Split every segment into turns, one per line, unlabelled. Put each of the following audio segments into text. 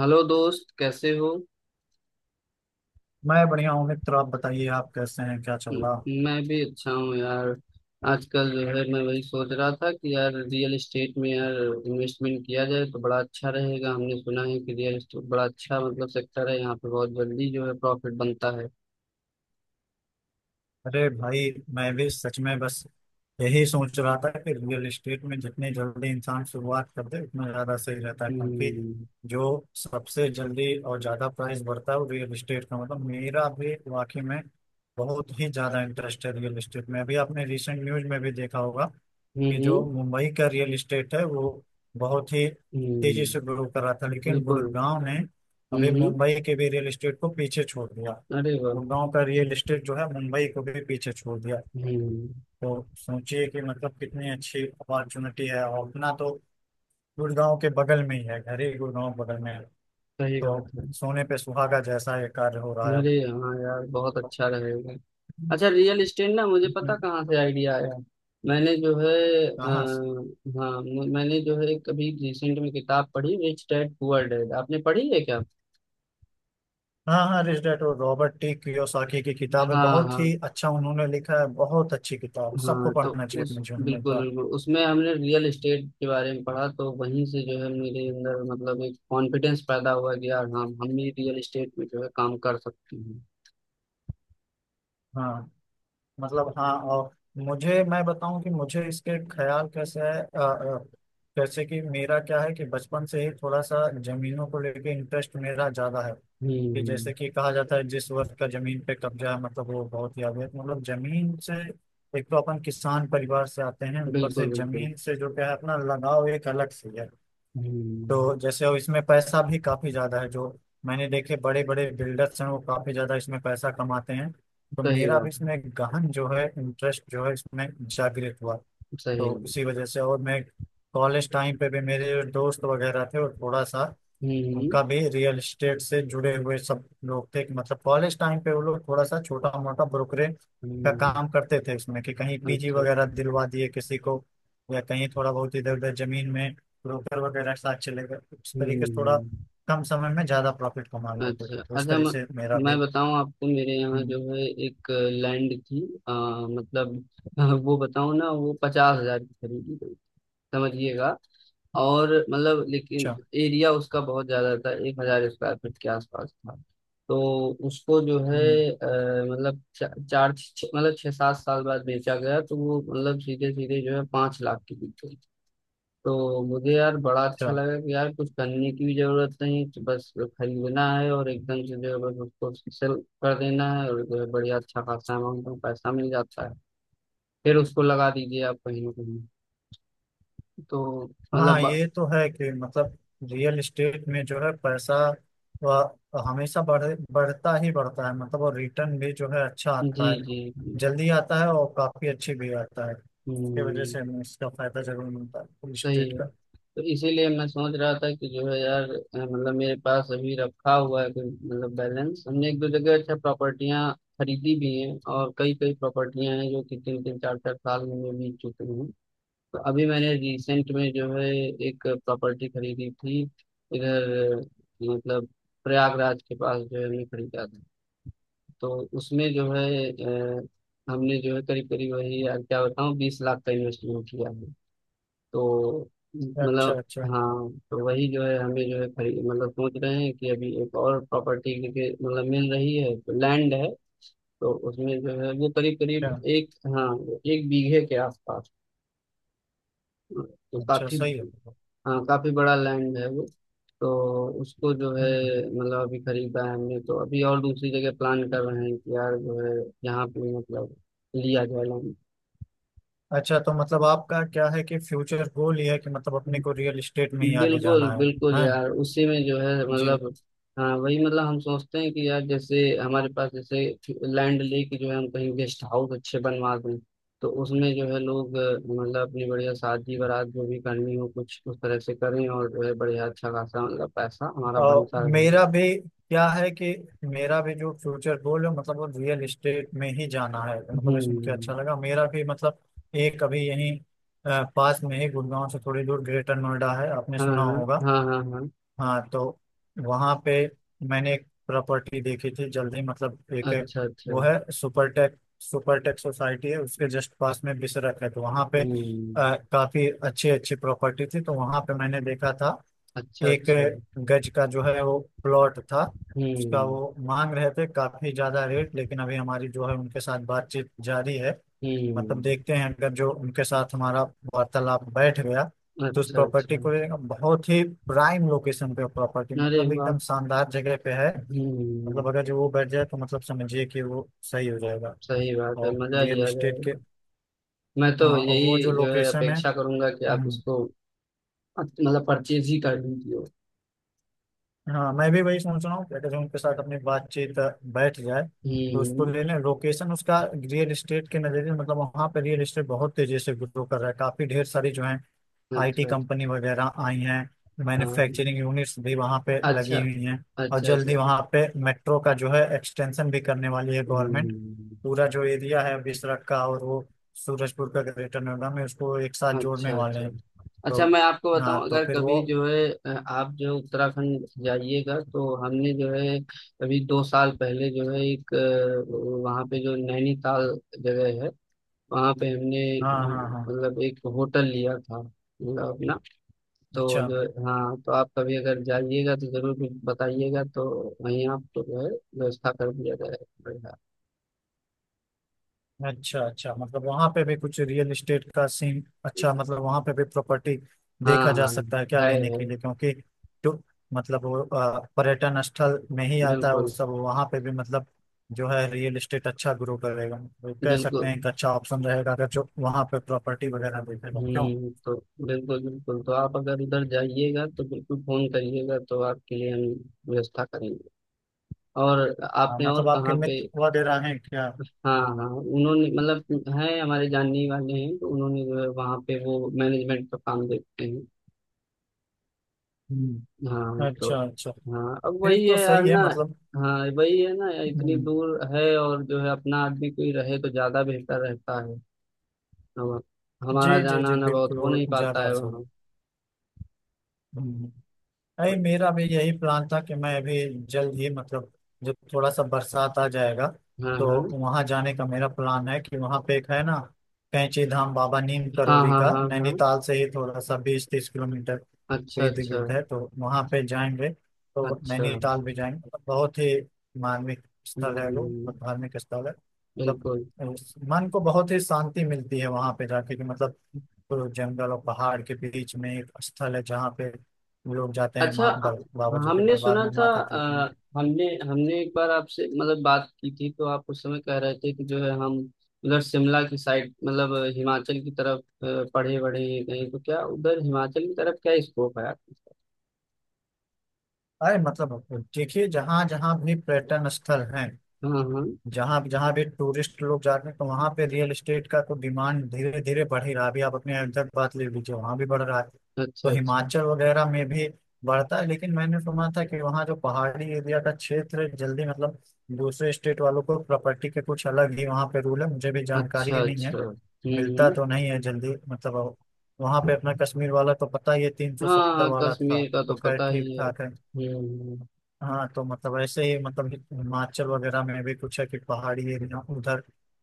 Hello दोस्त, कैसे हो?
मैं बढ़िया हूँ, मित्र। आप बताइए, आप कैसे हैं? क्या चल रहा?
मैं भी अच्छा हूँ यार। आजकल जो है मैं वही सोच रहा था कि यार रियल एस्टेट में यार इन्वेस्टमेंट किया जाए तो बड़ा अच्छा रहेगा। हमने सुना है कि रियल एस्टेट बड़ा अच्छा मतलब सेक्टर है, यहाँ पे बहुत जल्दी जो है प्रॉफिट बनता है।
अरे भाई, मैं भी सच में बस यही सोच रहा था कि रियल एस्टेट में जितनी जल्दी इंसान शुरुआत कर दे उतना ज्यादा सही रहता है, क्योंकि
हम्म।
जो सबसे जल्दी और ज्यादा प्राइस बढ़ता है वो रियल एस्टेट का मतलब। मेरा भी वाकई में बहुत ही ज्यादा इंटरेस्ट है रियल एस्टेट में। अभी आपने रिसेंट न्यूज में भी देखा होगा कि
हम्म।
जो मुंबई का रियल इस्टेट है वो बहुत ही तेजी से
हम्म।
ग्रो कर रहा था, लेकिन
बिल्कुल।
गुड़गांव ने
हम्म।
अभी मुंबई के भी रियल इस्टेट को पीछे छोड़ दिया।
अरे वाह!
गुड़गांव का रियल इस्टेट जो है मुंबई को भी पीछे छोड़ दिया।
हम्म।
तो सोचिए कि मतलब कितनी अच्छी अपॉर्चुनिटी है, और अपना तो गुड़गांव के बगल में ही है, घर ही गुड़गांव बगल में है।
सही
तो
बात है।
सोने पे सुहागा जैसा ये कार्य हो रहा है।
अरे हाँ यार, बहुत अच्छा रहेगा। अच्छा रियल इस्टेट ना, मुझे
तो
पता कहाँ से आइडिया आया। मैंने जो है आ,
कहाँ?
हाँ, मैंने जो है कभी रिसेंट में किताब पढ़ी, रिच डैड पुअर डैड, आपने पढ़ी है क्या?
हाँ हाँ, रिच डैड, और रॉबर्ट टी कियोसाकी की किताब है,
हाँ
बहुत
हाँ।
ही अच्छा उन्होंने लिखा है। बहुत अच्छी किताब है। सबको
हाँ तो
पढ़ना चाहिए
उस
अपने जीवन में एक
बिल्कुल
बार।
बिल्कुल, उसमें हमने रियल इस्टेट के बारे में पढ़ा, तो वहीं से जो है मेरे अंदर मतलब एक कॉन्फिडेंस पैदा हुआ कि यार हाँ, हम भी रियल इस्टेट में जो है काम कर सकते हैं।
हाँ, मतलब हाँ। और मुझे मैं बताऊं कि मुझे इसके ख्याल कैसे है। जैसे कि मेरा क्या है कि बचपन से ही थोड़ा सा जमीनों को लेके इंटरेस्ट मेरा ज्यादा है। कि
हम्म।
जैसे कि कहा जाता है जिस वर्ग का जमीन पे कब्जा है मतलब वो बहुत ही आगे है। मतलब जमीन से एक तो अपन किसान परिवार से आते हैं, ऊपर से
बिल्कुल बिल्कुल।
जमीन से जो क्या है अपना लगाव एक अलग से है।
हम्म।
तो जैसे अब इसमें पैसा भी काफी ज्यादा है, जो मैंने देखे बड़े बड़े बिल्डर्स हैं वो काफी ज्यादा इसमें पैसा कमाते हैं। तो
सही
मेरा भी
बात।
इसमें गहन जो है इंटरेस्ट जो है इसमें जागृत हुआ।
सही।
तो इसी वजह से, और मैं कॉलेज टाइम पे भी मेरे जो दोस्त वगैरह थे वो थोड़ा सा,
हम्म।
उनका भी रियल एस्टेट से जुड़े हुए सब लोग थे कि मतलब कॉलेज टाइम पे वो लोग थोड़ा सा छोटा मोटा ब्रोकरेज का
हम्म।
काम करते थे उसमें, कि कहीं पीजी
अच्छा।
वगैरह दिलवा दिए किसी को या कहीं थोड़ा बहुत इधर उधर जमीन में ब्रोकर वगैरह के साथ चले गए। इस तरीके से थोड़ा
हम्म।
कम समय में ज्यादा प्रॉफिट कमा लेते थे,
अच्छा
तो इस
अच्छा।
तरीके
मैं,
से मेरा भी।
मैं बताऊं आपको, मेरे यहाँ
हम्म,
जो है एक लैंड थी। अ, मतलब वो बताऊं ना, वो 50,000 की खरीदी गई, समझिएगा। और मतलब लेकिन
अच्छा।
एरिया उसका बहुत ज्यादा था, 1,000 स्क्वायर फीट के आसपास था। तो उसको जो है
हम्म,
मतलब चार मतलब छह सात साल बाद बेचा गया, तो वो मतलब सीधे सीधे जो है 5 लाख की बिकी। तो मुझे यार बड़ा
अच्छा।
अच्छा लगा कि यार कुछ करने की भी जरूरत नहीं, तो बस खरीदना है और एकदम से जो है बस उसको सेल कर देना है, और जो है बढ़िया अच्छा खासा अमाउंट में पैसा मिल जाता है। फिर उसको लगा दीजिए आप कहीं ना कहीं। तो मतलब
हाँ,
ब-
ये तो है कि मतलब रियल एस्टेट में जो है पैसा वह हमेशा बढ़ता ही बढ़ता है, मतलब। और रिटर्न भी जो है अच्छा
जी
आता है,
जी जी,
जल्दी आता है और काफी अच्छी भी आता है। इसकी वजह
हम्म,
से हमें इसका फायदा जरूर मिलता है रियल
सही
एस्टेट
है।
का।
तो इसीलिए मैं सोच रहा था कि जो है यार मतलब मेरे पास अभी रखा हुआ है कोई मतलब बैलेंस। हमने एक दो जगह अच्छा प्रॉपर्टियां खरीदी भी हैं, और कई कई प्रॉपर्टियां हैं जो कि तीन तीन चार चार साल में बीत चुकी हैं। तो अभी मैंने रिसेंट में जो है एक प्रॉपर्टी खरीदी थी इधर, मतलब प्रयागराज के पास जो है हमने खरीदा था। तो उसमें जो है अ, हमने जो है करीब करीब वही यार क्या बताऊँ 20 लाख का इन्वेस्टमेंट किया है। तो
अच्छा,
मतलब
अच्छा।
हाँ, तो वही जो है हमें जो है खरीद मतलब सोच रहे हैं कि अभी एक और प्रॉपर्टी के मतलब मिल रही है तो लैंड है। तो उसमें जो है वो करीब
अच्छा,
करीब एक, हाँ, 1 बीघे के आसपास। तो
अच्छा।
काफी,
सही है।
हाँ, काफी बड़ा लैंड है वो। तो उसको जो है
हम्म।
मतलब अभी खरीदा है हमने, तो अभी और दूसरी जगह प्लान कर रहे हैं कि यार जो है यहाँ पे मतलब लिया जाए लैंड।
अच्छा, तो मतलब आपका क्या है कि फ्यूचर गोल ये है कि मतलब अपने को रियल एस्टेट में ही आगे
बिल्कुल
जाना है?
बिल्कुल
हाँ,
यार, उसी में जो है
जी।
मतलब हाँ वही, मतलब हम सोचते हैं कि यार जैसे हमारे पास जैसे लैंड लेके जो है हम कहीं गेस्ट हाउस अच्छे बनवा दें। तो उसमें जो है लोग मतलब अपनी बढ़िया शादी बारात जो भी करनी हो कुछ उस तरह से करें, और जो है बढ़िया अच्छा खासा मतलब पैसा हमारा
अ,
बनता रहे।
मेरा भी क्या है कि मेरा भी जो फ्यूचर गोल है मतलब वो रियल एस्टेट में ही जाना है। तो मतलब इसमें मुझे
हम्म।
अच्छा लगा, मेरा भी मतलब एक अभी यहीं पास में ही, गुड़गांव से थोड़ी दूर ग्रेटर नोएडा है, आपने
हाँ
सुना
हाँ
होगा।
हाँ हाँ हाँ।
हाँ, तो वहाँ पे मैंने एक प्रॉपर्टी देखी थी, जल्दी मतलब एक
अच्छा अच्छा।
वो है सुपरटेक सुपरटेक सोसाइटी है, उसके जस्ट पास में बिसरख है, तो वहाँ पे
हम्म।
काफी अच्छी अच्छी प्रॉपर्टी थी, तो वहाँ पे मैंने देखा था।
अच्छा
एक
अच्छा।
गज का जो है वो प्लॉट था, उसका
हम्म
वो मांग रहे थे काफी ज्यादा रेट। लेकिन अभी हमारी जो है उनके साथ बातचीत जारी है। मतलब
हम्म।
देखते हैं, अगर जो उनके साथ हमारा वार्तालाप बैठ गया तो उस
अच्छा
प्रॉपर्टी
अच्छा।
को लेकर बहुत ही प्राइम लोकेशन पे प्रॉपर्टी,
अरे
मतलब एकदम
बात!
शानदार जगह पे है। मतलब
हम्म।
अगर जो वो बैठ जाए तो मतलब समझिए कि वो सही हो जाएगा।
सही बात है,
और
मजा ही
रियल
आ
एस्टेट के,
जाएगा। मैं तो
हाँ। और
यही
वो जो
जो है
लोकेशन है,
अपेक्षा करूंगा कि आप
हम्म,
इसको मतलब परचेज ही कर लीजिए।
हाँ। मैं भी वही सोच रहा हूँ कि अगर उनके साथ अपनी बातचीत बैठ जाए तो उसको
हम्म।
ले लें। लोकेशन उसका रियल एस्टेट के नज़रिए, मतलब वहाँ पे रियल एस्टेट बहुत तेजी से ग्रो कर रहा है। काफ़ी ढेर सारी जो है आईटी
अच्छा
कंपनी
अच्छा।
वगैरह आई हैं,
हाँ।
मैन्युफैक्चरिंग यूनिट्स भी वहाँ पे
अच्छा
लगी हुई हैं। और
अच्छा। अच्छा।
जल्दी वहाँ पे मेट्रो का जो है एक्सटेंशन भी करने वाली है गवर्नमेंट।
हम्म।
पूरा जो एरिया है बिसरख का, और वो सूरजपुर का ग्रेटर नोएडा में, उसको एक साथ जोड़ने
अच्छा
वाले
अच्छा।
हैं। तो
अच्छा मैं आपको
हाँ,
बताऊं,
तो
अगर
फिर वो,
कभी जो है आप जो उत्तराखंड जाइएगा तो हमने जो है अभी 2 साल पहले जो है एक वहाँ पे जो नैनीताल जगह है, वहाँ पे हमने
हाँ हाँ हाँ।
मतलब एक होटल लिया था मतलब अपना। तो
अच्छा,
जो हाँ, तो आप कभी अगर जाइएगा तो जरूर भी बताइएगा, तो वहीं आपको जो है व्यवस्था कर दिया जाएगा।
अच्छा। अच्छा, मतलब वहां पे भी कुछ रियल एस्टेट का सीन अच्छा, मतलब वहां पे भी प्रॉपर्टी
हाँ
देखा जा
हाँ।
सकता है क्या
है
लेने
है।
के लिए? क्योंकि तो मतलब वो पर्यटन स्थल में ही आता है वो
बिल्कुल
सब, वहां पे भी मतलब जो है रियल एस्टेट अच्छा ग्रो करेगा। तो कह सकते
बिल्कुल।
हैं एक अच्छा ऑप्शन रहेगा, अगर जो वहां पे प्रॉपर्टी वगैरह देखेगा क्यों।
हम्म। तो बिल्कुल बिल्कुल, तो आप अगर उधर जाइएगा तो बिल्कुल फोन करिएगा, तो आपके लिए हम व्यवस्था करेंगे। और आपने और
मतलब आपके
कहाँ पे?
मित्र वगैरह हैं क्या?
हाँ हाँ, उन्होंने मतलब हैं हमारे जानने वाले हैं, तो उन्होंने जो है वहाँ पे वो मैनेजमेंट का काम देखते हैं।
हम्म,
हाँ तो।
अच्छा अच्छा।
हाँ, अब
फिर
वही
तो
है यार
सही है,
ना।
मतलब।
हाँ वही है ना, इतनी
हम्म,
दूर है और जो है अपना आदमी कोई रहे तो ज्यादा बेहतर रहता है। हम,
जी
हमारा
जी
जाना
जी,
आना बहुत
बिल्कुल
हो
वो
नहीं
ज्यादा
पाता है
अच्छा
वहाँ।
है। हम्म। नहीं, मेरा भी यही प्लान था कि मैं अभी जल्द ही मतलब, जब थोड़ा सा बरसात आ जाएगा
हाँ
तो
हाँ
वहां जाने का मेरा प्लान है। कि वहां पे एक है ना, कैंची धाम बाबा नीम
हाँ
करोली
हाँ
का,
हाँ हाँ।
नैनीताल से ही थोड़ा सा 20-30 किलोमीटर
अच्छा
पे इर्द
अच्छा
गिर्द है, तो वहां पे जाएंगे। तो
अच्छा।
नैनीताल भी जाएंगे, मतलब बहुत ही मार्मिक स्थल है वो,
हम्म,
मतलब धार्मिक स्थल है। मतलब
बिल्कुल।
मन को बहुत ही शांति मिलती है वहां पे जाके, कि मतलब, तो जंगल और पहाड़ के बीच में एक स्थल है जहाँ पे लोग जाते हैं,
अच्छा
माँ बाबा जी के
हमने
दरबार
सुना
में
था,
माथा टेकने।
हमने हमने एक बार आपसे मतलब बात की थी, तो आप उस समय कह रहे थे कि जो है हम उधर शिमला की साइड मतलब हिमाचल की तरफ पढ़े बढ़े गए, तो क्या उधर हिमाचल की तरफ क्या स्कोप है आपके?
अरे, मतलब देखिए, जहाँ जहाँ भी पर्यटन स्थल हैं,
हाँ हाँ।
जहाँ जहाँ भी टूरिस्ट लोग जाते हैं तो वहाँ पे रियल एस्टेट का तो डिमांड धीरे धीरे बढ़ ही रहा है। अभी आप अपने अयोध्या की बात ले लीजिए, वहाँ भी बढ़ रहा है। तो
अच्छा अच्छा।
हिमाचल वगैरह में भी बढ़ता है, लेकिन मैंने सुना था कि वहाँ जो पहाड़ी एरिया का क्षेत्र है, जल्दी मतलब दूसरे स्टेट वालों को प्रॉपर्टी के कुछ अलग ही वहाँ पे रूल है, मुझे भी जानकारी
अच्छा
नहीं है।
अच्छा।
मिलता तो
हम्म।
नहीं है जल्दी, मतलब। वहाँ पे अपना कश्मीर वाला तो पता ही है, तीन सौ
हाँ
सत्तर
हाँ,
वाला था।
कश्मीर का तो
तो खैर,
पता
ठीक
ही है।
ठाक है। हाँ, तो मतलब ऐसे ही, मतलब हिमाचल वगैरह में भी कुछ है कि पहाड़ी एरिया उधर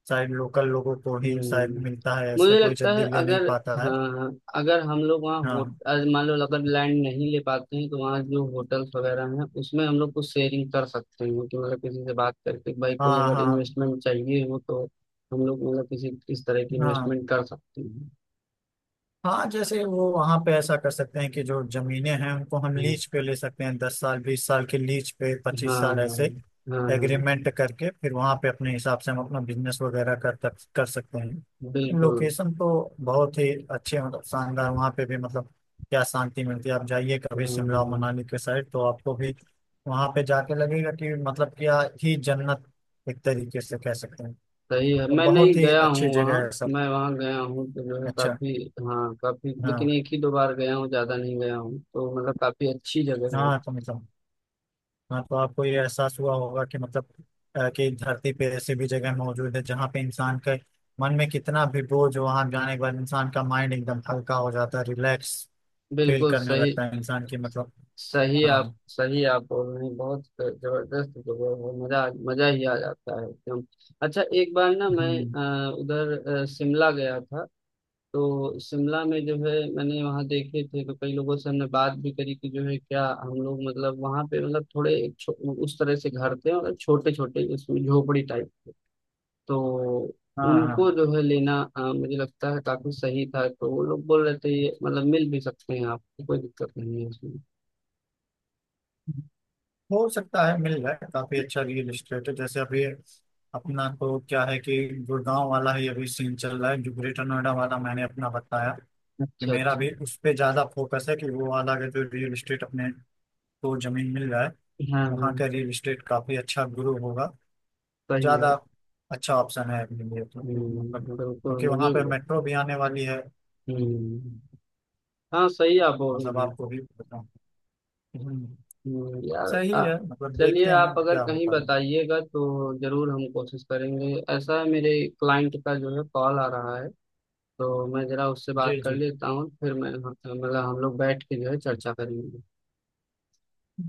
शायद लोकल लोगों को ही शायद
हम्म।
मिलता है, ऐसे
मुझे
कोई
लगता है
जल्दी ले नहीं
अगर,
पाता है।
हाँ, अगर हम लोग वहाँ
हाँ
मान लो अगर लैंड नहीं ले पाते हैं, तो वहाँ जो होटल्स वगैरह हैं उसमें हम लोग कुछ शेयरिंग कर सकते हैं कि मतलब किसी से बात करके, भाई कोई
हाँ
अगर
हाँ
इन्वेस्टमेंट चाहिए हो तो हम लोग मतलब किसी इस तरह की
हाँ
इन्वेस्टमेंट कर सकते हैं।
हाँ। जैसे वो वहां पे ऐसा कर सकते हैं कि जो जमीनें हैं उनको हम
हम्म,
लीज पे ले सकते हैं, 10 साल 20 साल के लीज पे, पच्चीस
हाँ
साल
हाँ
ऐसे
हाँ हाँ।
एग्रीमेंट करके फिर वहां पे अपने हिसाब से हम अपना बिजनेस वगैरह कर तक कर सकते हैं।
बिल्कुल।
लोकेशन तो बहुत ही अच्छे, मतलब शानदार, वहां पे भी मतलब क्या शांति मिलती है। आप जाइए कभी शिमला
हम्म,
मनाली के साइड तो आपको भी वहां पे जाके लगेगा कि मतलब क्या ही जन्नत, एक तरीके से कह सकते हैं।
सही है,
और
मैं नहीं
बहुत ही
गया
अच्छी
हूँ वहाँ।
जगह है सब।
मैं वहाँ गया हूँ तो जो है
अच्छा।
काफी, हाँ, काफी, लेकिन
हाँ
एक ही दो बार गया हूँ, ज्यादा नहीं गया हूँ, तो मतलब काफी अच्छी जगह है।
हाँ, तो मतलब, हाँ। तो आपको ये एहसास हुआ होगा कि मतलब कि धरती पे ऐसी भी जगह मौजूद है जहाँ पे इंसान के मन में कितना भी बोझ हो, वहाँ जाने के बाद इंसान का माइंड एकदम हल्का हो जाता है, रिलैक्स फील
बिल्कुल
करने
सही।
लगता है इंसान की, मतलब। हाँ।
सही आप बोल रहे हैं, बहुत जबरदस्त जगह है, मजा मजा ही आ जाता है एकदम। अच्छा एक बार ना मैं
हम्म,
उधर शिमला गया था। तो शिमला में जो है मैंने वहाँ देखे थे, तो कई लोगों से हमने बात भी करी कि जो है क्या हम लोग मतलब वहाँ पे मतलब थोड़े उस तरह से घर थे मतलब छोटे छोटे, उसमें झोपड़ी टाइप के। तो
हाँ। हाँ,
उनको जो है लेना, मुझे लगता है काफी सही था। तो वो लोग बोल रहे थे ये मतलब मिल भी सकते हैं आपको, कोई दिक्कत नहीं है उसमें।
हो सकता है मिल जाए, काफी अच्छा रियल इस्टेट है। जैसे अभी अपना तो क्या है कि गुड़गांव वाला ही अभी सीन चल रहा है, जो ग्रेटर नोएडा वाला मैंने अपना बताया, कि
अच्छा
मेरा
अच्छा।
भी उस पे ज्यादा फोकस है, कि वो वाला अगर जो रियल इस्टेट अपने को जमीन मिल जाए,
हाँ
वहाँ
हाँ।
का रियल इस्टेट काफी अच्छा ग्रो होगा।
सही है।
ज्यादा अच्छा ऑप्शन है अपने लिए, तो मतलब,
बिल्कुल
क्योंकि वहाँ
मुझे भी
पे
लग-
मेट्रो भी आने वाली है। हम्म,
हम्म। हाँ, सही आप बोल
मतलब
रहे हैं।
आपको भी बताऊँ। हम्म,
यार
सही
आ-
है, मतलब
चलिए,
देखते
आप
हैं
अगर
क्या
कहीं
होता है।
बताइएगा तो जरूर हम कोशिश करेंगे। ऐसा है, मेरे क्लाइंट का जो है कॉल आ रहा है, तो मैं जरा उससे बात
जी
कर
जी,
लेता हूँ, फिर मैं मतलब हम लोग बैठ के जो है चर्चा करेंगे।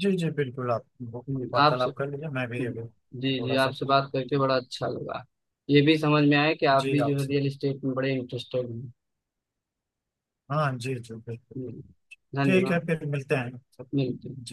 जी जी, बिल्कुल आप वो
आपसे।
वार्तालाप कर लीजिए। मैं भी अभी
जी जी,
थोड़ा सा
आपसे बात करके
ठीक।
बड़ा अच्छा लगा, ये भी समझ में आया कि आप
जी
भी जो है
आपसे,
रियल एस्टेट में बड़े इंटरेस्टेड हैं।
हाँ जी जी बिल्कुल, बिल्कुल।
हम्म,
ठीक है,
धन्यवाद।
फिर मिलते हैं।
मिलते हैं।
जी।